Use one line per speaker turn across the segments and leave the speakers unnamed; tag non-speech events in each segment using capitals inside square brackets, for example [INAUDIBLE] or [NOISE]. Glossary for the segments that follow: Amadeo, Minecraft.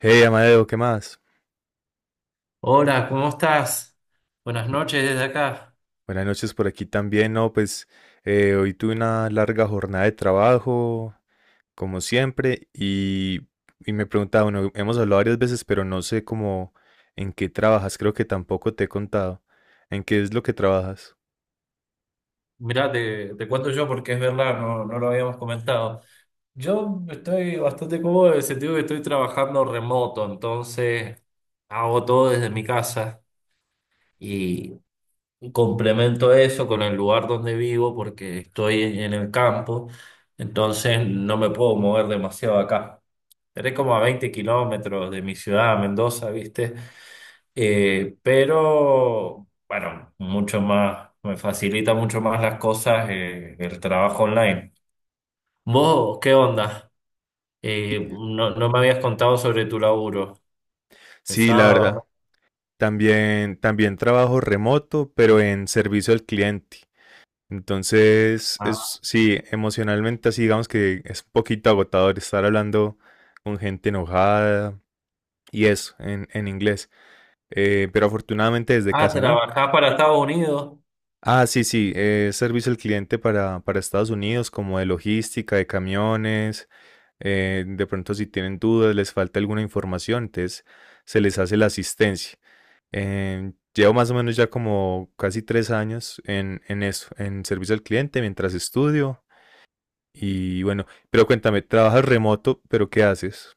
Hey, Amadeo, ¿qué más?
Hola, ¿cómo estás? Buenas
Mi-
noches desde acá.
Buenas noches por aquí también, ¿no? Pues hoy tuve una larga jornada de trabajo, como siempre, y me preguntaba, bueno, hemos hablado varias veces, pero no sé cómo en qué trabajas, creo que tampoco te he contado. ¿En qué es lo que trabajas?
Mirá, te cuento yo porque es verdad, no lo habíamos comentado. Yo estoy bastante cómodo en el sentido que estoy trabajando remoto, entonces hago todo desde mi casa y complemento eso con el lugar donde vivo porque estoy en el campo, entonces no me puedo mover demasiado acá. Estaré como a 20 kilómetros de mi ciudad, Mendoza, ¿viste? Pero, bueno, mucho más, me facilita mucho más las cosas el trabajo online. ¿Vos qué onda? No, no me habías contado sobre tu laburo.
Sí, la
Pesado.
verdad.
¿No?
También trabajo remoto, pero en servicio al cliente. Entonces,
Ah,
es, sí, emocionalmente así, digamos que es un poquito agotador estar hablando con gente enojada. Y eso, en inglés. Pero afortunadamente desde
ah,
casa, ¿no?
trabajás para Estados Unidos.
Ah, sí, sí, servicio al cliente para Estados Unidos, como de logística, de camiones. De pronto, si tienen dudas, les falta alguna información, entonces se les hace la asistencia. Llevo más o menos ya como casi tres años en eso, en servicio al cliente, mientras estudio. Y bueno, pero cuéntame, trabajas remoto, pero ¿qué haces?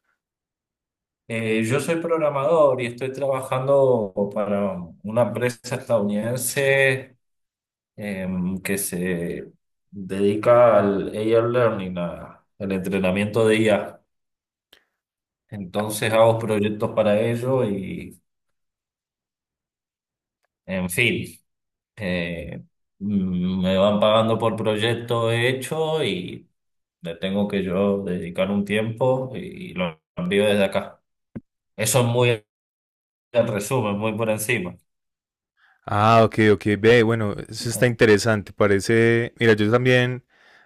Yo soy programador y estoy trabajando para una empresa estadounidense que se dedica al AI Learning, al entrenamiento de IA. Entonces hago proyectos para ello y, en fin, eh, me van pagando por proyecto hecho y le tengo que yo dedicar un tiempo y lo envío desde acá. Eso es muy el resumen, muy por encima.
Ah, ok, ok. Ve, bueno, eso está
Así.
interesante. Parece, mira, yo también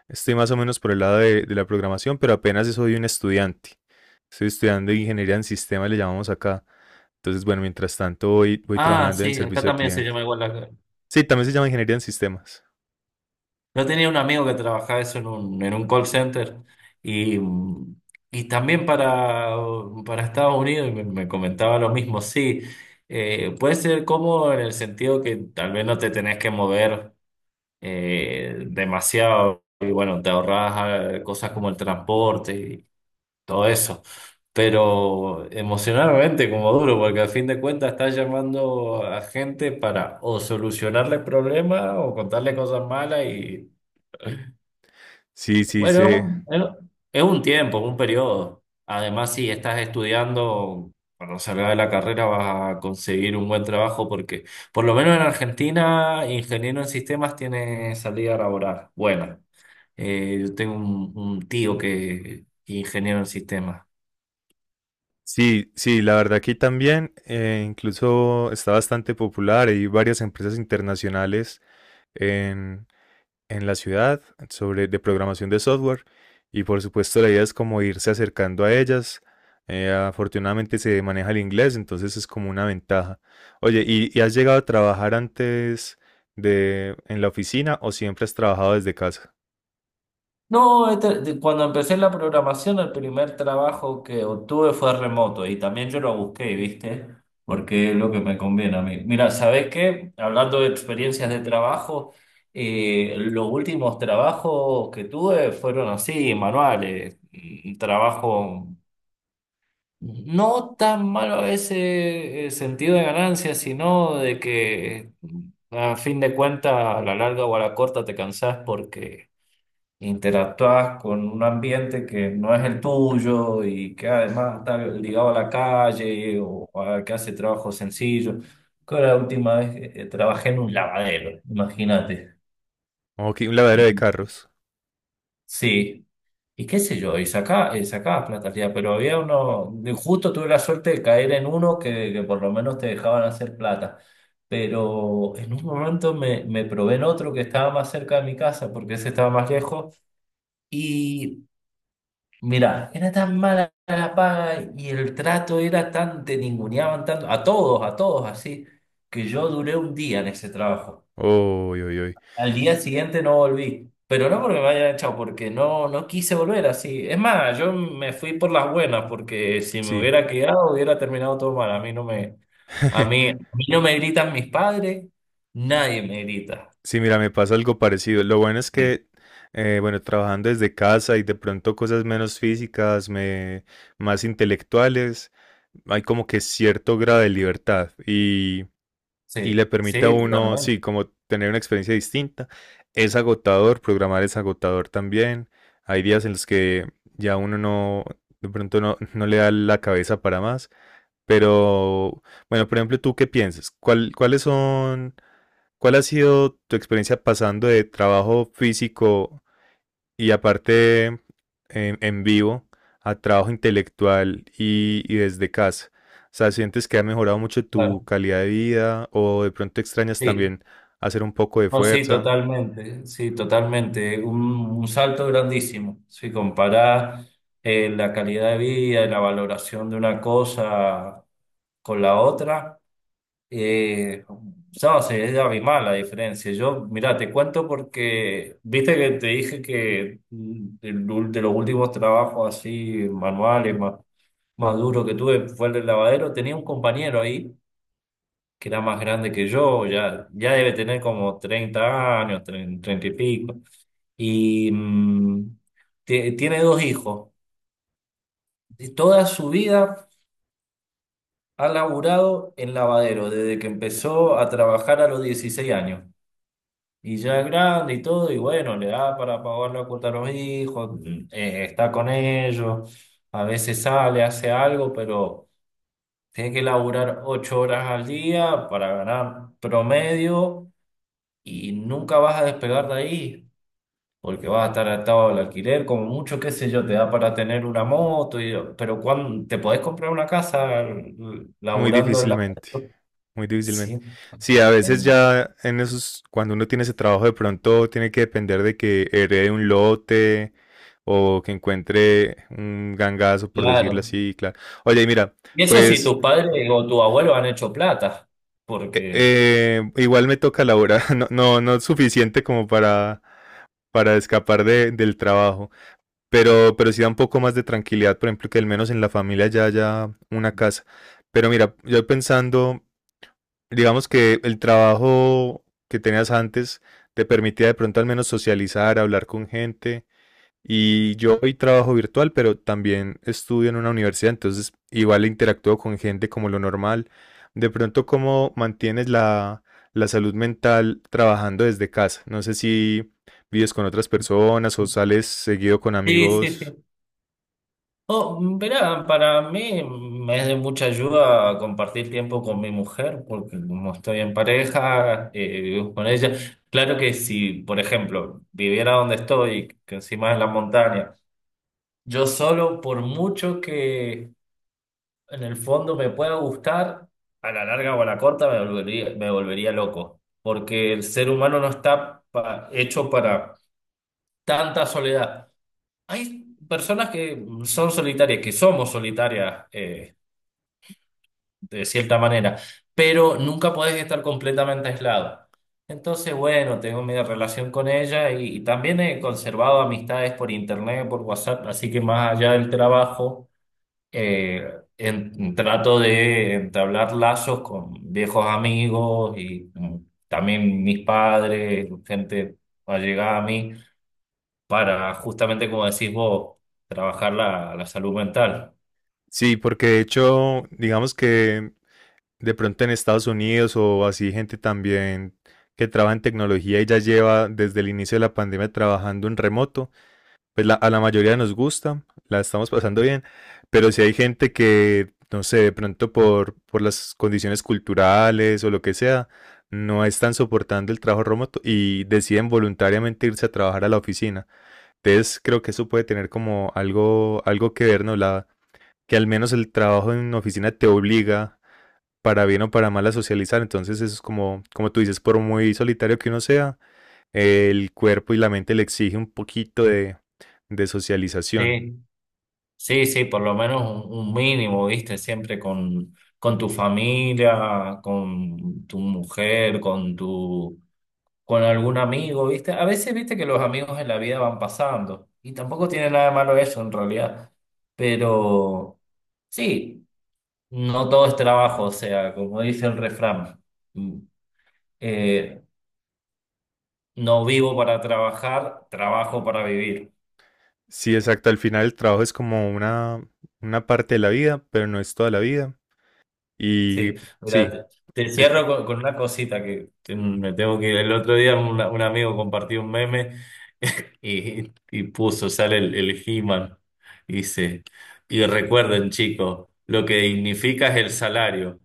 estoy más o menos por el lado de la programación, pero apenas soy un estudiante. Estoy estudiando ingeniería en sistemas, le llamamos acá. Entonces, bueno, mientras tanto voy, voy
Ah,
trabajando en
sí, acá
servicio al
también se llama
cliente.
igual la,
Sí, también se llama ingeniería en sistemas.
yo tenía un amigo que trabajaba eso en un call center y, y también para Estados Unidos y me comentaba lo mismo. Sí, puede ser cómodo en el sentido que tal vez no te tenés que mover demasiado y bueno, te ahorras cosas como el transporte y todo eso. Pero emocionalmente como duro, porque al fin de cuentas estás llamando a gente para o solucionarle problemas o contarle cosas malas y...
Sí, sí,
Bueno,
sí.
es un tiempo, un periodo. Además, si estás estudiando, cuando salgas de la carrera vas a conseguir un buen trabajo porque, por lo menos en Argentina, ingeniero en sistemas tiene salida laboral. Bueno, yo tengo un tío que es ingeniero en sistemas.
Sí, sí, la verdad aquí también incluso está bastante popular. Hay varias empresas internacionales en en la ciudad sobre de programación de software y por supuesto la idea es como irse acercando a ellas. Afortunadamente se maneja el inglés, entonces es como una ventaja. Oye, y has llegado a trabajar antes de en la oficina o siempre has trabajado desde casa?
No, cuando empecé la programación, el primer trabajo que obtuve fue remoto y también yo lo busqué, ¿viste? Porque es lo que me conviene a mí. Mira, ¿sabés qué? Hablando de experiencias de trabajo, los últimos trabajos que tuve fueron así, manuales, trabajo no tan malo a ese sentido de ganancia, sino de que a fin de cuentas, a la larga o a la corta te cansás porque interactúas con un ambiente que no es el tuyo y que además está ligado a la calle o a que hace trabajo sencillo. Creo que la última vez trabajé en un lavadero, imagínate.
Ok, un
Y,
lavadero de carros.
sí, y qué sé yo, y sacaba, sacaba plata al día, pero había uno, justo tuve la suerte de caer en uno que por lo menos te dejaban hacer plata. Pero en un momento me probé en otro que estaba más cerca de mi casa, porque ese estaba más lejos. y Mira, era tan mala la paga y el trato era tan, te ninguneaban tanto, a todos así, que yo duré un día en ese trabajo.
Uy, uy, uy.
Al día siguiente no volví, pero no porque me hayan echado, porque no, no quise volver así. Es más, yo me fui por las buenas, porque si me
Sí.
hubiera quedado hubiera terminado todo mal.
[LAUGHS]
A mí no me gritan mis padres, nadie me grita.
Sí, mira, me pasa algo parecido. Lo bueno es
Sí,
que, bueno, trabajando desde casa y de pronto cosas menos físicas, me, más intelectuales, hay como que cierto grado de libertad y
sí,
le permite a
sí,
uno,
totalmente.
sí, como tener una experiencia distinta. Es agotador, programar es agotador también. Hay días en los que ya uno no, de pronto no, no le da la cabeza para más. Pero, bueno, por ejemplo, ¿tú qué piensas? ¿Cuál- cuáles son... ¿Cuál ha sido tu experiencia pasando de trabajo físico y aparte en vivo a trabajo intelectual y desde casa? O sea, ¿sientes que ha mejorado mucho tu
Claro,
calidad de vida o de pronto extrañas
sí.
también hacer un poco de
No, sí,
fuerza?
totalmente, sí, totalmente. Un salto grandísimo. Si comparás la calidad de vida y la valoración de una cosa con la otra, eh, no, sí, es abismal la diferencia. Yo, mira, te cuento porque, viste que te dije que de los últimos trabajos así manuales más, más duros que tuve fue el del lavadero. Tenía un compañero ahí que era más grande que yo, ya, ya debe tener como 30 años, 30 y pico. Y tiene dos hijos. Y toda su vida ha laburado en lavadero, desde que empezó a trabajar a los 16 años. Y ya es grande y todo, y bueno, le da para pagar la cuota a los hijos, está con ellos, a veces sale, hace algo, pero tiene que laburar 8 horas al día para ganar promedio y nunca vas a despegar de ahí, porque vas a estar atado al alquiler, como mucho, qué sé yo, te da para tener una moto, pero cuando te podés comprar una casa
Muy
laburando en la...
difícilmente, muy
Sí,
difícilmente. Sí, a veces
en-
ya en esos, cuando uno tiene ese trabajo, de pronto tiene que depender de que herede un lote o que encuentre un gangazo, por decirlo
claro.
así, claro. Oye, y mira,
Y eso si
pues
tus padres o tu abuelo han hecho plata, porque...
igual me toca la hora, [LAUGHS] no, no, no es suficiente como para escapar de- del trabajo, pero sí da un poco más de tranquilidad, por ejemplo, que al menos en la familia ya haya una casa. Pero mira, yo pensando digamos que el trabajo que tenías antes te permitía de pronto al menos socializar, hablar con gente. Y yo hoy trabajo virtual, pero también estudio en una universidad, entonces igual interactúo con gente como lo normal. De pronto, ¿cómo mantienes la, la salud mental trabajando desde casa? No sé si vives con otras personas o sales seguido con
Sí, sí,
amigos.
sí. Oh, verá, para mí me es de mucha ayuda compartir tiempo con mi mujer, porque como estoy en pareja, vivo con ella. Claro que si, por ejemplo, viviera donde estoy, que encima es la montaña, yo solo, por mucho que en el fondo me pueda gustar, a la larga o a la corta me volvería loco, porque el ser humano no está hecho para tanta soledad. Hay personas que son solitarias, que somos solitarias. De cierta manera, pero nunca podés estar completamente aislado. Entonces, bueno, tengo mi relación con ella y también he conservado amistades por internet, por WhatsApp, así que más allá del trabajo, eh, trato de entablar lazos con viejos amigos y también mis padres, gente allegada a mí, para justamente, como decís vos, trabajar la salud mental.
Sí, porque de hecho, digamos que de pronto en Estados Unidos o así gente también que trabaja en tecnología y ya lleva desde el inicio de la pandemia trabajando en remoto, pues la- a la mayoría nos gusta, la estamos pasando bien, pero si hay gente que, no sé, de pronto por las condiciones culturales o lo que sea, no están soportando el trabajo remoto y deciden voluntariamente irse a trabajar a la oficina. Entonces creo que eso puede tener como algo, algo que ver, ¿no? La, que al menos el trabajo en oficina te obliga para bien o para mal a socializar. Entonces eso es como, como tú dices, por muy solitario que uno sea, el cuerpo y la mente le exige un poquito de socialización.
Sí. Sí, sí, por lo menos un mínimo, viste, siempre con tu familia, con tu mujer, con tu, con algún amigo, viste. A veces, viste, que los amigos en la vida van pasando y tampoco tiene nada de malo eso en realidad. Pero sí, no todo es trabajo, o sea, como dice el refrán, mm, eh, no vivo para trabajar, trabajo para vivir.
Sí, exacto. Al final el trabajo es como una parte de la vida, pero no es toda la vida. Y
Sí, mira,
sí,
te
hay-
cierro con una cosita que me tengo que ir. El otro día un amigo compartió un meme [LAUGHS] y puso, sale el He-Man, y dice, y recuerden chicos, lo que dignifica es el salario.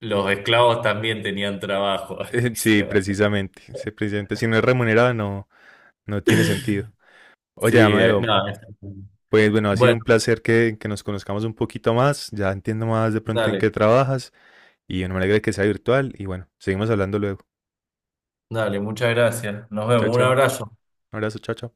Los esclavos también tenían trabajo. [LAUGHS] Y
[LAUGHS]
se
sí,
va.
precisamente, sí, precisamente. Si no es remunerado no, no tiene sentido.
Sí,
Oye, Amadeo,
no, es-
pues bueno, ha sido
Bueno,
un placer que nos conozcamos un poquito más. Ya entiendo más de pronto en qué
dale,
trabajas. Y bueno, me alegra que sea virtual. Y bueno, seguimos hablando luego.
dale, muchas gracias. Nos
Chao,
vemos, un
chao.
abrazo.
Un abrazo, chao, chao.